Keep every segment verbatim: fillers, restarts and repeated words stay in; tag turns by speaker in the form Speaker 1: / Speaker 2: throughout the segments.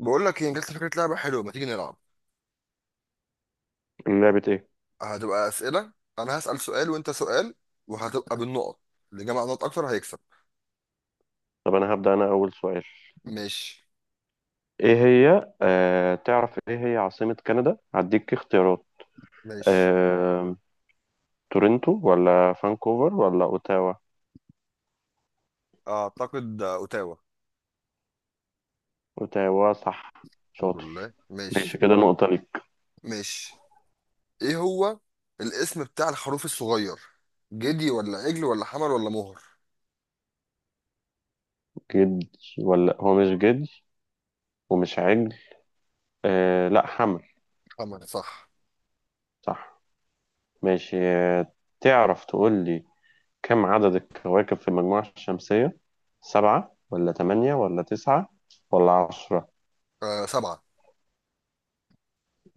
Speaker 1: بقول لك ايه، جت لي فكره لعبه حلوه، ما تيجي نلعب.
Speaker 2: لعبة ايه؟
Speaker 1: هتبقى اسئله. انا هسال سؤال وانت سؤال، وهتبقى بالنقط، اللي جمع نقط اكتر هيكسب.
Speaker 2: طب انا هبدأ انا اول سؤال.
Speaker 1: ماشي.
Speaker 2: ايه هي آه تعرف ايه هي عاصمة كندا؟ هديك اختيارات.
Speaker 1: ماشي،
Speaker 2: آه، تورنتو ولا فانكوفر ولا اوتاوا؟
Speaker 1: اعتقد اوتاوا.
Speaker 2: اوتاوا صح.
Speaker 1: الحمد
Speaker 2: شاطر.
Speaker 1: لله
Speaker 2: ماشي
Speaker 1: ماشي.
Speaker 2: كده نقطة ليك.
Speaker 1: ماشي. ايه هو الاسم بتاع الخروف الصغير؟ جدي ولا عجل ولا حمل ولا مهر؟
Speaker 2: جدي، ولا هو مش جدي ومش عجل، آه لا حمل.
Speaker 1: حمل صح.
Speaker 2: صح. ماشي. آه تعرف تقول لي، كم عدد الكواكب في المجموعة الشمسية؟ سبعة ولا تمانية ولا تسعة ولا عشرة؟
Speaker 1: آه سبعة.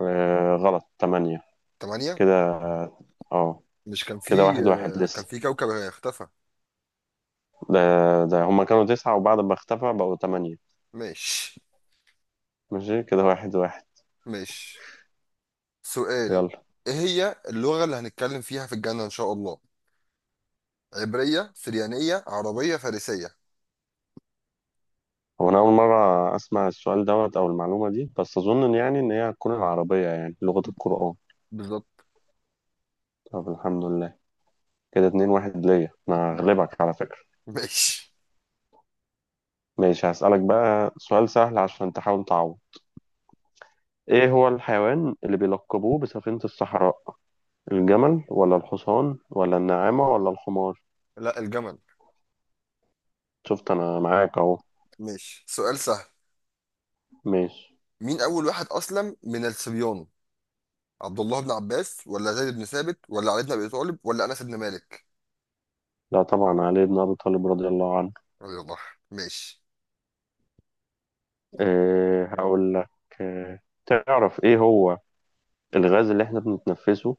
Speaker 2: آه غلط، تمانية.
Speaker 1: تمانية.
Speaker 2: كده اه،
Speaker 1: مش كان في؟
Speaker 2: كده واحد واحد
Speaker 1: آه كان
Speaker 2: لسه.
Speaker 1: في كوكب اختفى.
Speaker 2: ده ده هما كانوا تسعة وبعد ما اختفى بقوا تمانية.
Speaker 1: ماشي.
Speaker 2: ماشي كده واحد واحد.
Speaker 1: ماشي. سؤال.
Speaker 2: يلا.
Speaker 1: ايه هي اللغة اللي هنتكلم فيها في الجنة ان شاء الله؟ عبرية، سريانية، عربية، فارسية؟
Speaker 2: هو أنا أول مرة أسمع السؤال دوت أو المعلومة دي، بس أظن إن يعني إن هي هتكون العربية، يعني لغة القرآن.
Speaker 1: بالظبط.
Speaker 2: طب الحمد لله. كده اتنين واحد ليا، أنا
Speaker 1: ماشي.
Speaker 2: هغلبك على فكرة.
Speaker 1: ماشي.
Speaker 2: ماشي. هسألك بقى سؤال سهل عشان تحاول تعوض. إيه هو الحيوان اللي بيلقبوه بسفينة الصحراء؟ الجمل ولا الحصان ولا النعامة ولا الحمار؟
Speaker 1: لا الجمل.
Speaker 2: شفت أنا معاك أهو.
Speaker 1: ماشي سؤال سهل.
Speaker 2: ماشي.
Speaker 1: مين أول واحد أسلم من الصبيان؟ عبد الله بن عباس ولا زيد بن ثابت ولا علي بن أبي طالب ولا أنس بن مالك؟
Speaker 2: لا طبعا علي بن أبي طالب رضي الله عنه.
Speaker 1: رضي الله عنه. ماشي.
Speaker 2: إيه هقول لك، إيه تعرف إيه هو الغاز اللي إحنا بنتنفسه؟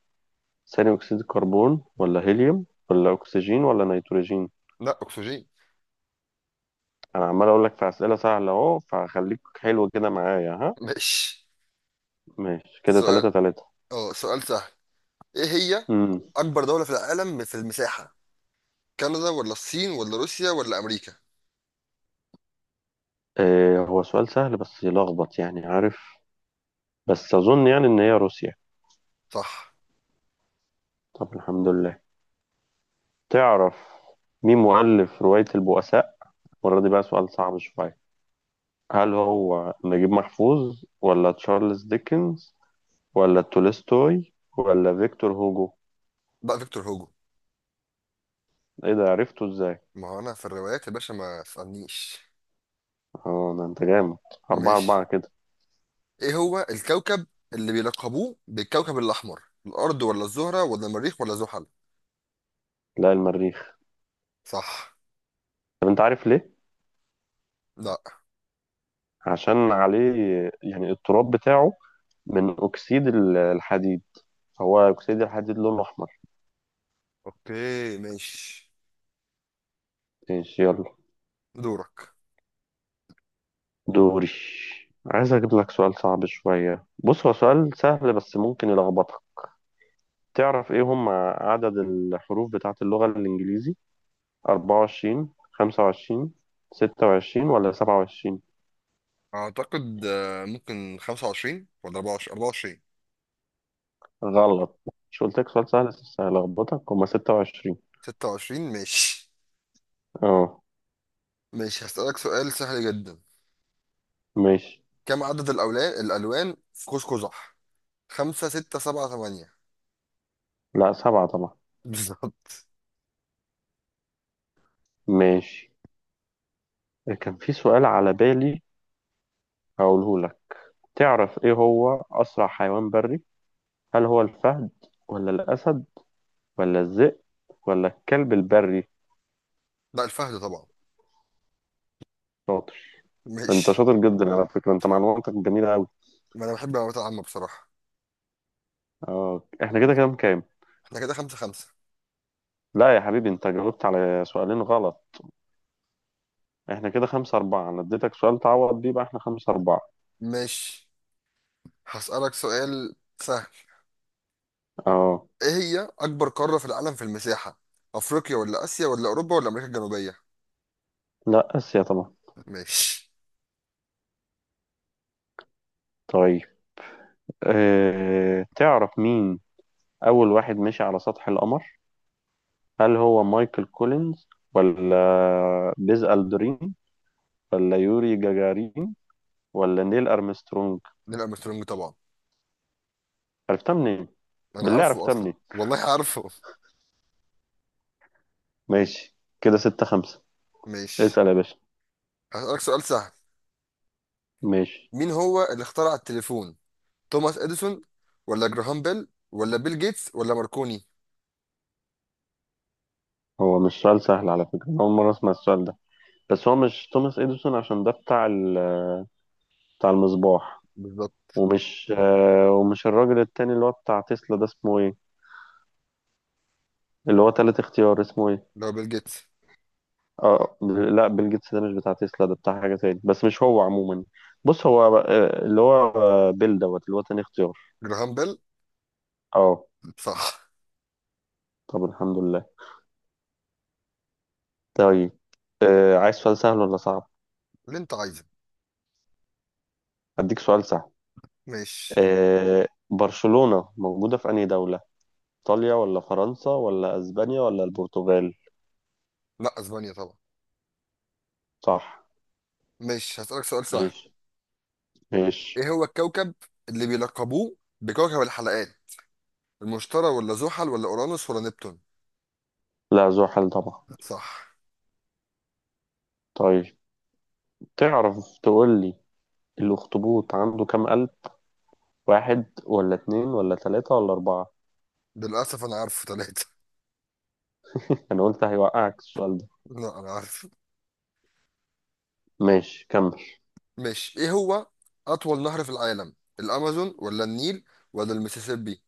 Speaker 2: ثاني أكسيد الكربون ولا هيليوم ولا أكسجين ولا نيتروجين؟
Speaker 1: لا أكسجين.
Speaker 2: أنا عمال أقول لك في أسئلة سهلة أهو، فخليك حلو كده معايا ها.
Speaker 1: ماشي.
Speaker 2: ماشي كده تلاتة
Speaker 1: سؤال.
Speaker 2: تلاتة.
Speaker 1: اه سؤال سهل. إيه هي
Speaker 2: امم
Speaker 1: أكبر دولة في العالم في المساحة؟ كندا ولا الصين ولا روسيا ولا أمريكا؟
Speaker 2: إيه هو سؤال سهل بس يلخبط، يعني عارف، بس أظن يعني إن هي روسيا.
Speaker 1: صح.
Speaker 2: طب الحمد لله. تعرف مين مؤلف رواية البؤساء؟ المرة دي بقى سؤال صعب شوية. هل هو نجيب محفوظ ولا تشارلز ديكنز ولا تولستوي ولا فيكتور هوجو؟
Speaker 1: بقى فيكتور هوجو.
Speaker 2: ايه ده، عرفته ازاي؟
Speaker 1: ما هو أنا في الروايات يا باشا ما تسألنيش.
Speaker 2: اه ده انت جامد. اربعة
Speaker 1: ماشي.
Speaker 2: اربعة كده.
Speaker 1: ايه هو الكوكب اللي بيلقبوه بالكوكب الاحمر؟ الارض ولا الزهرة ولا المريخ ولا زحل؟
Speaker 2: لا المريخ.
Speaker 1: صح.
Speaker 2: طب انت عارف ليه؟
Speaker 1: لا.
Speaker 2: عشان عليه، يعني التراب بتاعه، من اكسيد ال- الحديد. هو اكسيد الحديد لونه احمر.
Speaker 1: اوكي ماشي.
Speaker 2: ماشي يلا.
Speaker 1: دورك.
Speaker 2: دوري. عايز اجيب لك سؤال صعب شوية، بص هو سؤال سهل بس ممكن يلخبطك. تعرف ايه هم عدد الحروف بتاعت اللغة الانجليزي؟ أربعة وعشرين، خمسة وعشرين، ستة وعشرين ولا سبعة وعشرين؟
Speaker 1: اعتقد آه، ممكن خمسة وعشرين ولا أربعة وعشرين أربعة وعشرين.
Speaker 2: غلط. مش قلت لك سؤال سهل بس هلخبطك، هما ستة وعشرين.
Speaker 1: ستة وعشرين ماشي.
Speaker 2: اه.
Speaker 1: ماشي هسألك سؤال سهل جدا.
Speaker 2: ماشي.
Speaker 1: كم عدد الأولان الألوان في قوس قزح؟ خمسة، ستة، سبعة، ثمانية؟
Speaker 2: لا سبعة طبعا.
Speaker 1: بالظبط.
Speaker 2: ماشي. كان في سؤال على بالي هقوله لك. تعرف ايه هو أسرع حيوان بري؟ هل هو الفهد ولا الأسد ولا الذئب ولا الكلب البري؟
Speaker 1: لا الفهد طبعا.
Speaker 2: شاطر. انت
Speaker 1: ماشي.
Speaker 2: شاطر جدا على فكرة، انت معلوماتك جميلة أوي.
Speaker 1: ما أنا بحب المعلومات العامة بصراحة.
Speaker 2: اه احنا كده كام كام؟
Speaker 1: احنا كده خمسة خمسة.
Speaker 2: لا يا حبيبي انت جاوبت على سؤالين غلط. احنا كده خمسة أربعة، أنا اديتك سؤال تعوض بيه بقى، احنا خمسة أربعة.
Speaker 1: ماشي هسألك سؤال سهل.
Speaker 2: اه.
Speaker 1: ايه هي اكبر قارة في العالم في المساحة؟ افريقيا ولا اسيا ولا اوروبا ولا امريكا الجنوبية؟
Speaker 2: لا آسيا طبعا.
Speaker 1: ماشي.
Speaker 2: طيب. اه تعرف مين أول واحد مشي على سطح القمر؟ هل هو مايكل كولينز ولا بيز ألدرين ولا يوري جاجارين ولا نيل أرمسترونج؟
Speaker 1: نيل ارمسترونج طبعا.
Speaker 2: عرفتها منين؟
Speaker 1: انا
Speaker 2: بالله
Speaker 1: عارفه
Speaker 2: عرفتها
Speaker 1: اصلا،
Speaker 2: منين؟
Speaker 1: والله عارفه.
Speaker 2: ماشي كده ستة خمسة.
Speaker 1: ماشي
Speaker 2: اسأل يا باشا.
Speaker 1: هسألك سؤال سهل.
Speaker 2: ماشي.
Speaker 1: مين هو اللي اخترع التليفون؟ توماس اديسون ولا جراهام بيل ولا بيل جيتس ولا ماركوني؟
Speaker 2: هو مش سؤال سهل على فكرة، أنا أول مرة أسمع السؤال ده، بس هو مش توماس إديسون عشان ده بتاع ال... بتاع المصباح.
Speaker 1: بالظبط.
Speaker 2: ومش آه، ومش الراجل التاني اللي هو بتاع تسلا ده، اسمه ايه اللي هو تالت اختيار، اسمه ايه؟
Speaker 1: لو بيل جيتس.
Speaker 2: اه. لا بيل جيتس ده مش بتاع تسلا، ده بتاع حاجة تاني، بس مش هو عموما. بص هو آه، اللي هو آه، بيل دوت اللي هو تاني اختيار.
Speaker 1: جراهام بيل.
Speaker 2: اه.
Speaker 1: صح.
Speaker 2: طب الحمد لله. طيب. آه، عايز سؤال سهل ولا صعب؟
Speaker 1: اللي انت عايزه.
Speaker 2: اديك سؤال سهل.
Speaker 1: ماشي.
Speaker 2: آه، برشلونة موجودة في أنهي دولة؟ ايطاليا ولا فرنسا ولا اسبانيا ولا البرتغال؟
Speaker 1: لا اسبانيا طبعا.
Speaker 2: صح.
Speaker 1: ماشي هسألك سؤال سهل.
Speaker 2: ماشي. ماشي.
Speaker 1: ايه هو الكوكب اللي بيلقبوه بكوكب الحلقات؟ المشتري ولا زحل ولا اورانوس ولا نبتون؟
Speaker 2: لا ذو حل طبعا.
Speaker 1: صح.
Speaker 2: طيب. تعرف تقول لي، الأخطبوط عنده كام قلب؟ واحد ولا اتنين ولا تلاتة ولا أربعة؟
Speaker 1: للأسف أنا عارفه ثلاثة.
Speaker 2: أنا قلت هيوقعك السؤال ده.
Speaker 1: لا أنا عارف.
Speaker 2: ماشي كمل.
Speaker 1: ماشي إيه هو أطول نهر في العالم؟ الأمازون ولا النيل ولا المسيسيبي؟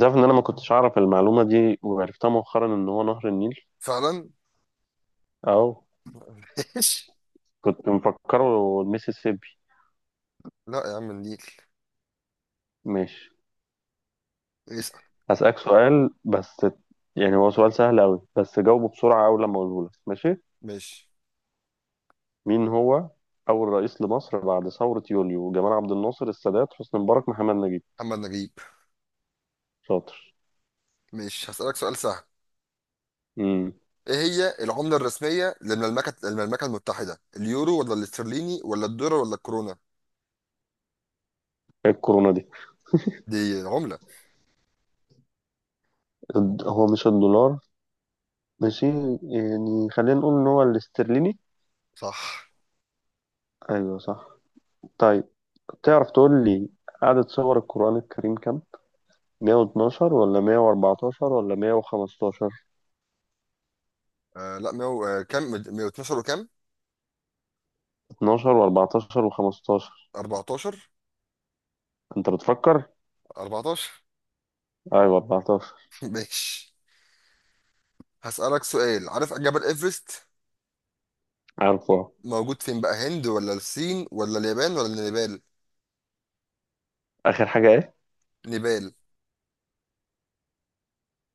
Speaker 2: تعرف إن أنا ما كنتش أعرف المعلومة دي، وعرفتها مؤخرا إن هو نهر النيل.
Speaker 1: فعلا.
Speaker 2: أو
Speaker 1: ماشي.
Speaker 2: كنت مفكره الميسيسيبي.
Speaker 1: لا يا عم النيل.
Speaker 2: ماشي.
Speaker 1: اسأل.
Speaker 2: هسألك سؤال بس، يعني هو سؤال سهل أوي بس جاوبه بسرعة أول لما أقوله لك. ماشي.
Speaker 1: ماشي.
Speaker 2: مين هو أول رئيس لمصر بعد ثورة يوليو؟ جمال عبد الناصر، السادات، حسني مبارك، محمد نجيب؟
Speaker 1: محمد نجيب.
Speaker 2: شاطر.
Speaker 1: ماشي هسألك سؤال سهل.
Speaker 2: امم
Speaker 1: إيه هي العملة الرسمية للمملكة المملكة المتحدة؟ اليورو ولا الاسترليني ولا الدولار ولا الكورونا؟
Speaker 2: إيه الكورونا دي؟
Speaker 1: دي عملة.
Speaker 2: الد- هو مش الدولار. ماشي. يعني خلينا نقول إن هو الاسترليني.
Speaker 1: صح.
Speaker 2: أيوه صح. طيب. تعرف تقول لي، عدد سور القرآن الكريم كام؟ مية واتناشر ولا مية واربعتاشر ولا مية وخمستاشر؟
Speaker 1: آه لا ميو آه كام مية واتناشر وكام.
Speaker 2: اثنا عشر و14 و15؟
Speaker 1: أربعة عشر.
Speaker 2: أنت بتفكر؟
Speaker 1: أربعة عشر.
Speaker 2: أيوه اربعتاشر.
Speaker 1: ماشي هسألك سؤال. عارف جبل إيفرست
Speaker 2: عارفه.
Speaker 1: موجود فين بقى؟ هند ولا الصين ولا اليابان ولا نيبال؟
Speaker 2: آخر حاجة إيه؟
Speaker 1: نيبال.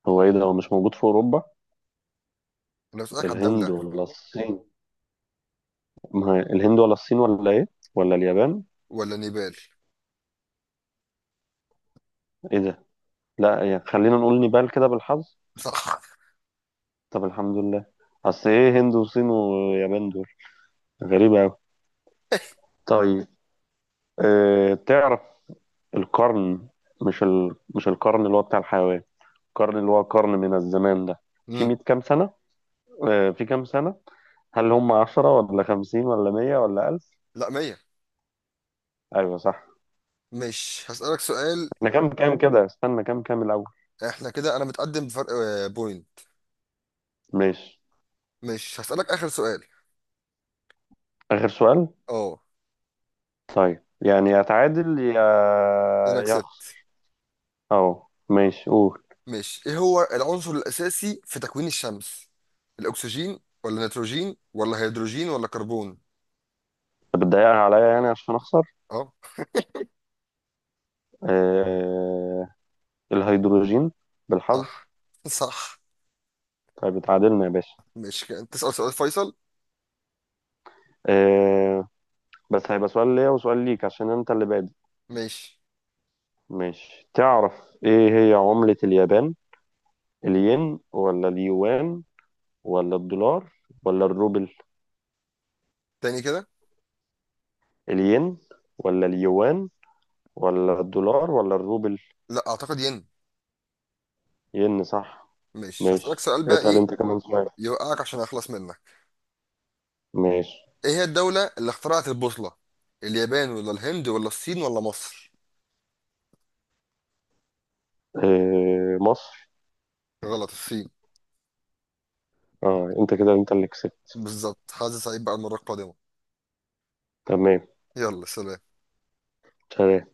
Speaker 2: هو إيه ده، هو مش موجود في أوروبا؟
Speaker 1: انا بسألك على
Speaker 2: الهند
Speaker 1: الدولة.
Speaker 2: ولا الصين؟ ما هي الهند ولا الصين ولا إيه؟ ولا اليابان؟
Speaker 1: ولا نيبال.
Speaker 2: إيه ده؟ لا يعني خلينا نقول نيبال كده بالحظ.
Speaker 1: صح.
Speaker 2: طب الحمد لله. أصل إيه هند وصين ويابان دول؟ غريبة أوي. طيب. أه تعرف القرن، مش ال... مش القرن اللي هو بتاع الحيوان، القرن اللي هو قرن من الزمان ده، في
Speaker 1: امم.
Speaker 2: مية كام سنة؟ أه في كام سنة؟ هل هم عشرة ولا خمسين ولا مية ولا ألف؟
Speaker 1: لا مية.
Speaker 2: ايوه صح.
Speaker 1: مش هسألك سؤال.
Speaker 2: احنا كام كام كده، استنى كام كام الاول.
Speaker 1: احنا كده انا متقدم بفرق آه، بوينت.
Speaker 2: ماشي.
Speaker 1: مش هسألك اخر سؤال.
Speaker 2: اخر سؤال.
Speaker 1: اه.
Speaker 2: طيب يعني يا تعادل يا
Speaker 1: انا
Speaker 2: يا
Speaker 1: كسبت.
Speaker 2: اخسر. اهو. ماشي قول.
Speaker 1: مش ايه هو العنصر الاساسي في تكوين الشمس؟ الاكسجين ولا نيتروجين ولا هيدروجين ولا كربون؟
Speaker 2: طب بتضايقها عليا يعني عشان اخسر؟
Speaker 1: اه.
Speaker 2: أه... الهيدروجين. بالحظ.
Speaker 1: صح. صح.
Speaker 2: طيب اتعادلنا يا باشا.
Speaker 1: مش كده. تسأل سؤال فيصل.
Speaker 2: أه... بس هيبقى سؤال ليا وسؤال ليك عشان انت اللي بادئ.
Speaker 1: ماشي.
Speaker 2: ماشي. تعرف ايه هي عملة اليابان؟ الين ولا اليوان ولا الدولار ولا الروبل؟
Speaker 1: تاني كده.
Speaker 2: الين ولا اليوان ولا الدولار ولا الروبل؟
Speaker 1: لا اعتقد ين.
Speaker 2: ين صح.
Speaker 1: مش هسألك
Speaker 2: ماشي
Speaker 1: سؤال بقى
Speaker 2: اسأل
Speaker 1: ايه.
Speaker 2: انت كمان سؤال.
Speaker 1: يوقعك عشان اخلص منك.
Speaker 2: ماشي.
Speaker 1: ايه هي الدولة اللي اخترعت البوصلة؟ اليابان ولا الهند ولا الصين ولا مصر؟
Speaker 2: إيه مصر.
Speaker 1: غلط الصين.
Speaker 2: اه انت كده انت اللي كسبت.
Speaker 1: بالظبط. حاسس سعيد بقى المرة القادمة.
Speaker 2: تمام.
Speaker 1: يلا سلام.
Speaker 2: سلام.